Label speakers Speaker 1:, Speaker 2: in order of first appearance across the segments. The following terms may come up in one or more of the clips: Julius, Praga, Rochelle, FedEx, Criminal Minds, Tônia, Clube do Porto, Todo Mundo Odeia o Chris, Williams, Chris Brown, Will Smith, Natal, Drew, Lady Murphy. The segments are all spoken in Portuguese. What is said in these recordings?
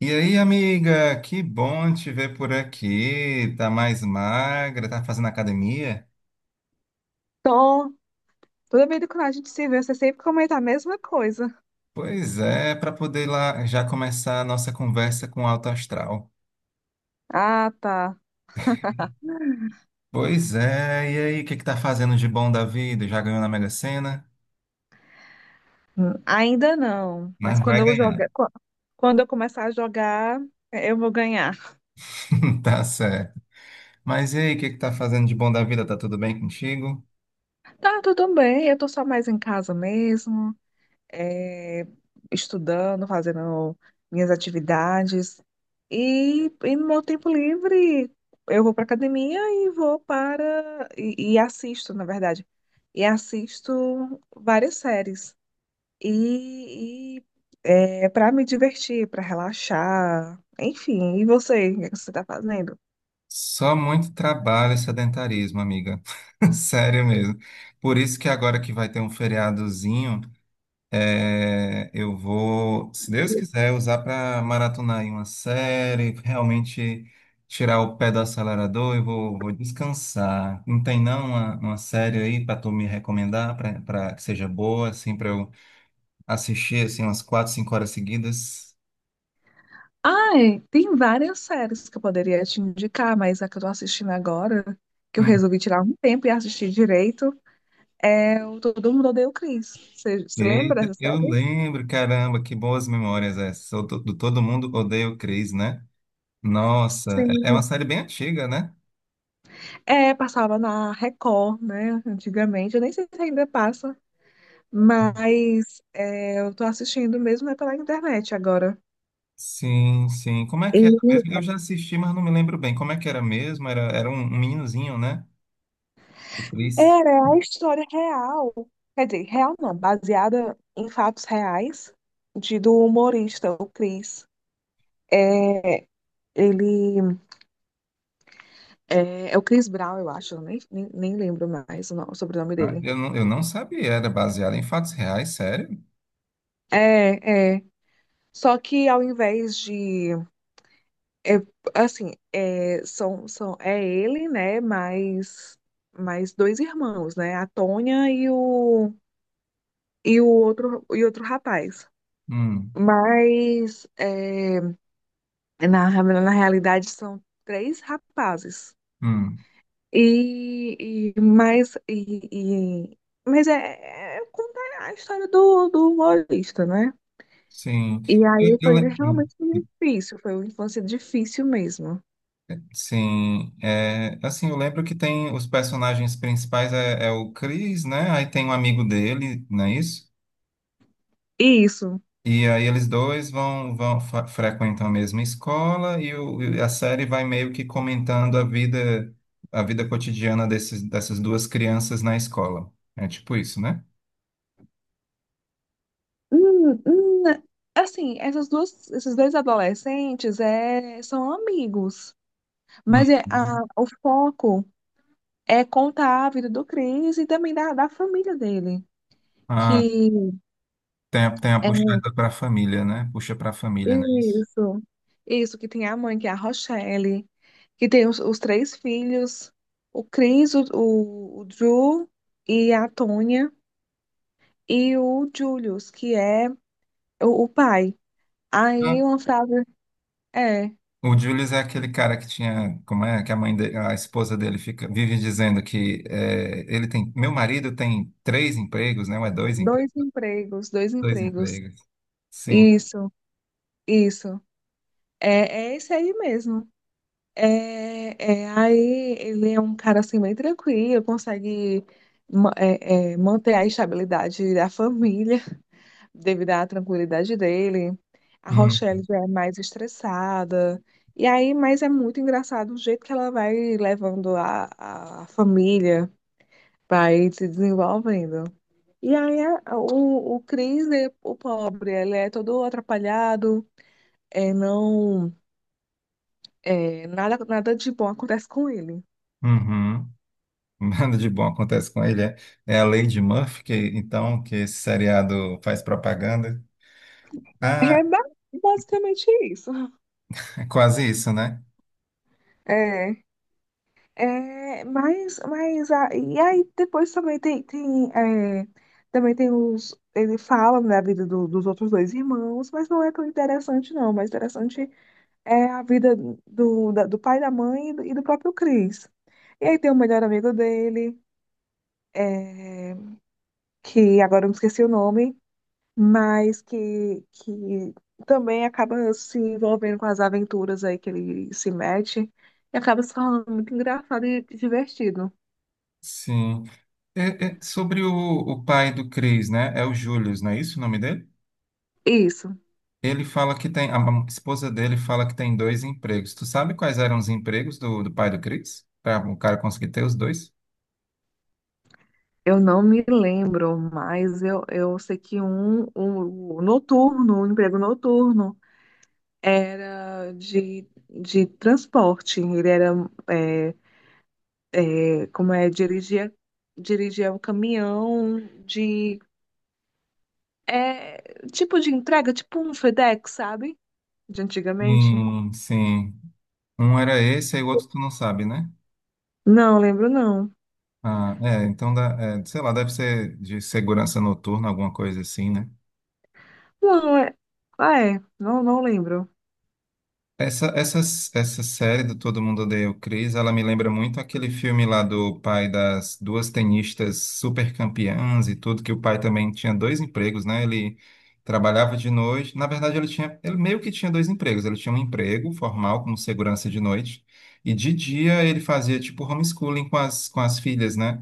Speaker 1: E aí, amiga, que bom te ver por aqui. Tá mais magra, tá fazendo academia?
Speaker 2: Tô. Toda vida que a gente se vê, você sempre comenta a mesma coisa.
Speaker 1: Pois é, para poder lá já começar a nossa conversa com o alto astral.
Speaker 2: Ah, tá.
Speaker 1: Pois é, e aí, o que que tá fazendo de bom da vida? Já ganhou na Mega Sena?
Speaker 2: Ainda não. Mas
Speaker 1: Mas
Speaker 2: quando
Speaker 1: vai
Speaker 2: eu
Speaker 1: ganhar.
Speaker 2: jogar, quando eu começar a jogar, eu vou ganhar.
Speaker 1: Tá certo. Mas e aí, o que que tá fazendo de bom da vida? Tá tudo bem contigo?
Speaker 2: Tá, tudo bem. Eu tô só mais em casa mesmo, eh, estudando, fazendo minhas atividades. E no meu tempo livre, eu vou pra academia e vou para. e assisto, na verdade. E assisto várias séries. E, e para me divertir, para relaxar, enfim. E você, o que é que você está fazendo?
Speaker 1: Só muito trabalho e sedentarismo, amiga. Sério mesmo. Por isso que agora que vai ter um feriadozinho. É, eu vou, se Deus quiser, usar para maratonar aí uma série, realmente tirar o pé do acelerador e vou descansar. Não tem não uma série aí para tu me recomendar, para que seja boa, assim, para eu assistir assim umas quatro, cinco horas seguidas?
Speaker 2: Ai, tem várias séries que eu poderia te indicar, mas a que eu tô assistindo agora, que eu
Speaker 1: Hum.
Speaker 2: resolvi tirar um tempo e assistir direito, é o Todo Mundo Odeia o Chris. Você se lembra
Speaker 1: Eita,
Speaker 2: dessa
Speaker 1: eu
Speaker 2: série?
Speaker 1: lembro, caramba, que boas memórias essas. Eu tô- Do Todo Mundo Odeia o Chris, né? Nossa, é uma
Speaker 2: Sim.
Speaker 1: série bem antiga, né?
Speaker 2: É, passava na Record, né? Antigamente, eu nem sei se ainda passa, mas é, eu tô assistindo mesmo é pela internet agora.
Speaker 1: Sim, sim. Como é que era mesmo?
Speaker 2: E
Speaker 1: Eu já assisti, mas não me lembro bem. Como é que era mesmo? Era um meninozinho, né? O Chris.
Speaker 2: era a história real, quer dizer, real não, baseada em fatos reais de do humorista, o Chris. É, ele é o Chris Brown, eu acho, eu nem lembro mais o, o sobrenome
Speaker 1: Ah,
Speaker 2: dele.
Speaker 1: eu não sabia. Era baseado em fatos reais, sério?
Speaker 2: É, é. Só que ao invés de, é, assim, é, é ele, né, mais, mais dois irmãos, né, a Tônia e o outro, e outro rapaz.
Speaker 1: Hum,
Speaker 2: Mas é, na, na realidade, são três rapazes.
Speaker 1: hum,
Speaker 2: E, e mas, e, e- mas é, é conta a história do humorista, né?
Speaker 1: sim.
Speaker 2: E
Speaker 1: Eu,
Speaker 2: aí
Speaker 1: eu
Speaker 2: foi
Speaker 1: lem- hum,
Speaker 2: realmente difícil, foi uma infância difícil mesmo.
Speaker 1: sim. É, assim, eu lembro que tem os personagens principais é o Chris, né? Aí tem um amigo dele, não é isso?
Speaker 2: Isso.
Speaker 1: E aí eles dois frequentam a mesma escola e a série vai meio que comentando a vida cotidiana dessas duas crianças na escola. É tipo isso, né?
Speaker 2: Hum, hum, assim, esses dois adolescentes são amigos, mas é,
Speaker 1: Uhum.
Speaker 2: o foco é contar a vida do Chris e também da família dele.
Speaker 1: Ah,
Speaker 2: Que
Speaker 1: tem a
Speaker 2: é
Speaker 1: puxada para a família, né? Puxa para a família, não é isso?
Speaker 2: isso, isso, que tem a mãe, que é a Rochelle, que tem os três filhos, o Chris, o Drew e a Tônia, e o Julius, que é o pai.
Speaker 1: Ah,
Speaker 2: Aí uma frase é,
Speaker 1: o Julius é aquele cara que tinha, como é, que a mãe de, a esposa dele fica vive dizendo que é, ele tem, meu marido tem três empregos, né? Ou é dois empregos,
Speaker 2: dois empregos, dois
Speaker 1: dois
Speaker 2: empregos.
Speaker 1: empregos. Sim.
Speaker 2: Isso, isso. É, é esse aí mesmo. É, é, aí ele é um cara assim bem tranquilo, consegue manter a estabilidade da família, devido à tranquilidade dele. A
Speaker 1: Hum.
Speaker 2: Rochelle já é mais estressada. E aí, mas é muito engraçado o jeito que ela vai levando a família para ir se desenvolvendo. E aí, o Chris, o pobre, ele é todo atrapalhado, é, não, nada, nada de bom acontece com ele.
Speaker 1: Uhum. Nada de bom acontece com ele. É a Lady Murphy, que, então, que esse seriado faz propaganda.
Speaker 2: É
Speaker 1: Ah,
Speaker 2: basicamente isso.
Speaker 1: é quase isso, né?
Speaker 2: É. É, mas, e aí depois também tem, também tem os ele fala da vida dos outros dois irmãos, mas não é tão interessante não, mas interessante é a vida do pai da mãe e do próprio Chris. E aí tem o melhor amigo dele, é, que agora eu me esqueci o nome, mas que também acaba se envolvendo com as aventuras aí que ele se mete e acaba se falando muito engraçado e divertido.
Speaker 1: Sim. É sobre o pai do Chris, né? É o Julius, não é isso o nome dele?
Speaker 2: Isso.
Speaker 1: Ele fala que tem. A esposa dele fala que tem dois empregos. Tu sabe quais eram os empregos do pai do Chris? Para o cara conseguir ter os dois?
Speaker 2: Eu não me lembro, mas eu sei que um noturno, um emprego noturno, era de transporte. Ele era, é, como é, dirigia, dirigia um caminhão de, é, tipo de entrega, tipo um FedEx, sabe? De antigamente.
Speaker 1: Sim, sim. Um era esse, aí o outro tu não sabe, né?
Speaker 2: Não lembro, não.
Speaker 1: Ah, é, então, dá, é, sei lá, deve ser de segurança noturna, alguma coisa assim, né?
Speaker 2: Não, é, ah, é, não, não lembro.
Speaker 1: Essa série do Todo Mundo Odeia o Chris, ela me lembra muito aquele filme lá do pai das duas tenistas super campeãs e tudo, que o pai também tinha dois empregos, né? Ele trabalhava de noite. Na verdade, ele meio que tinha dois empregos. Ele tinha um emprego formal como segurança de noite, e de dia ele fazia tipo homeschooling com as filhas, né?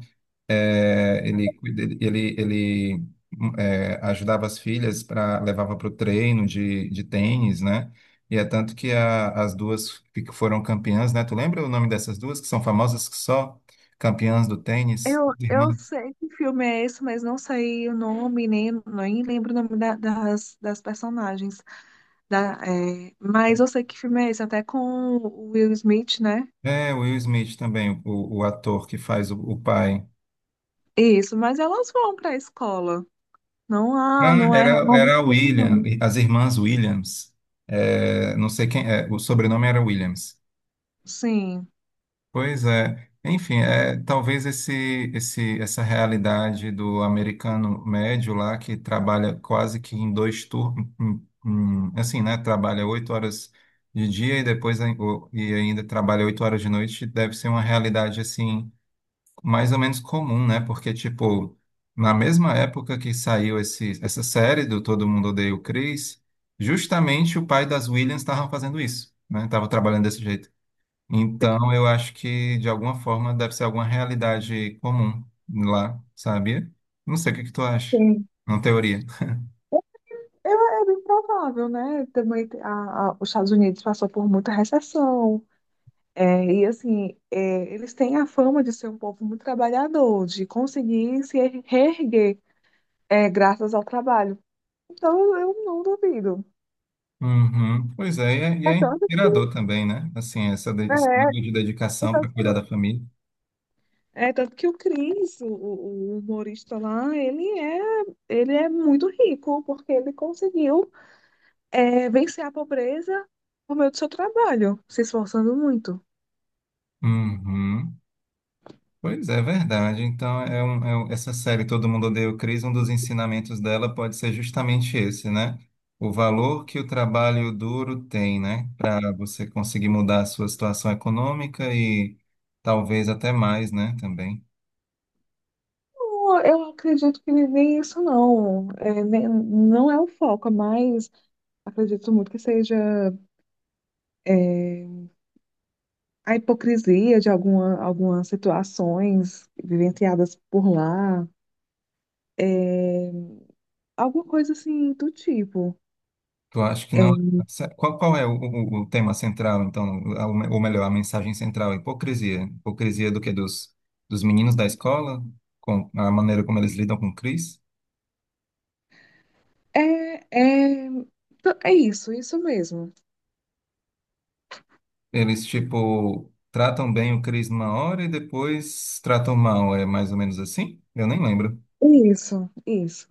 Speaker 1: É, ele, é, ajudava as filhas para levava para o treino de tênis, né? E é tanto que as duas que foram campeãs, né? Tu lembra o nome dessas duas que são famosas que só campeãs do tênis? Irmã.
Speaker 2: Eu sei que filme é esse, mas não sei o nome, nem lembro o nome das, das personagens. Mas eu sei que filme é esse, até com o Will Smith, né?
Speaker 1: É, o Will Smith também, o ator que faz o pai.
Speaker 2: Isso, mas elas vão para a escola. Não há,
Speaker 1: Ah,
Speaker 2: não é
Speaker 1: era a
Speaker 2: escola
Speaker 1: William,
Speaker 2: não.
Speaker 1: as irmãs Williams. É, não sei quem, é, o sobrenome era Williams.
Speaker 2: Sim.
Speaker 1: Pois é. Enfim, é, talvez essa realidade do americano médio lá, que trabalha quase que em dois turnos, assim, né? Trabalha 8 horas de dia e depois e ainda trabalha 8 horas de noite, deve ser uma realidade, assim, mais ou menos comum, né? Porque, tipo, na mesma época que saiu essa série do Todo Mundo Odeia o Chris, justamente o pai das Williams estava fazendo isso, né? Estava trabalhando desse jeito. Então, eu acho que de alguma forma deve ser alguma realidade comum lá, sabia? Não sei o que que tu acha.
Speaker 2: Sim.
Speaker 1: Uma teoria.
Speaker 2: Eu, é bem provável, né? Também os Estados Unidos passou por muita recessão. É, e assim, é, eles têm a fama de ser um povo muito trabalhador, de conseguir se er- reerguer. É graças ao trabalho. Então eu não duvido.
Speaker 1: Uhum. Pois é, e é, e
Speaker 2: É
Speaker 1: é
Speaker 2: tanto que,
Speaker 1: inspirador também, né? Assim, esse
Speaker 2: é,
Speaker 1: nível de
Speaker 2: é
Speaker 1: dedicação para
Speaker 2: tanto
Speaker 1: cuidar da
Speaker 2: que,
Speaker 1: família.
Speaker 2: é tanto que o Chris, o humorista lá, ele é muito rico, porque ele conseguiu vencer a pobreza por meio do seu trabalho, se esforçando muito.
Speaker 1: Uhum. Pois é, verdade. Então, essa série Todo Mundo Odeia o Chris, um dos ensinamentos dela pode ser justamente esse, né? O valor que o trabalho duro tem, né? Para você conseguir mudar a sua situação econômica e talvez até mais, né? Também.
Speaker 2: Eu acredito que nem isso não. É, não é o foco, mas acredito muito que seja é, a hipocrisia de alguma, algumas situações vivenciadas por lá. É, alguma coisa assim do tipo.
Speaker 1: Tu acha que não?
Speaker 2: É,
Speaker 1: Qual é o tema central, então? Ou melhor, a mensagem central? A hipocrisia. Hipocrisia do quê? Dos meninos da escola? Com a maneira como eles lidam com o Chris?
Speaker 2: é, é, é isso, isso mesmo.
Speaker 1: Eles, tipo, tratam bem o Chris uma hora e depois tratam mal, é mais ou menos assim? Eu nem lembro.
Speaker 2: Isso, isso.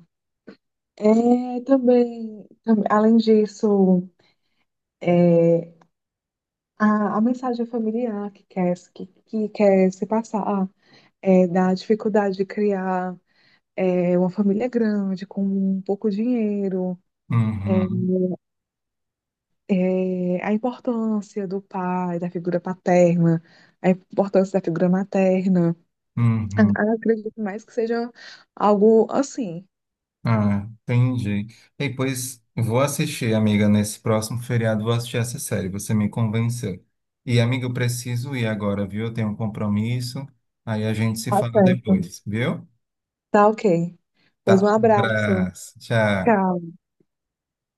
Speaker 2: É, também, além disso, é, a mensagem familiar que quer se passar é, da dificuldade de criar uma família grande, com um pouco dinheiro, é,
Speaker 1: Uhum,
Speaker 2: é, a importância do pai, da figura paterna, a importância da figura materna.
Speaker 1: uhum.
Speaker 2: Eu acredito mais que seja algo assim.
Speaker 1: Ah, entendi. E pois vou assistir, amiga, nesse próximo feriado, vou assistir essa série, você me convenceu. E, amiga, eu preciso ir agora, viu? Eu tenho um compromisso, aí a gente se
Speaker 2: Tá
Speaker 1: fala
Speaker 2: certo.
Speaker 1: depois, viu?
Speaker 2: Tá ok. Pois um
Speaker 1: Tá, um
Speaker 2: abraço.
Speaker 1: abraço, tchau.
Speaker 2: Tchau.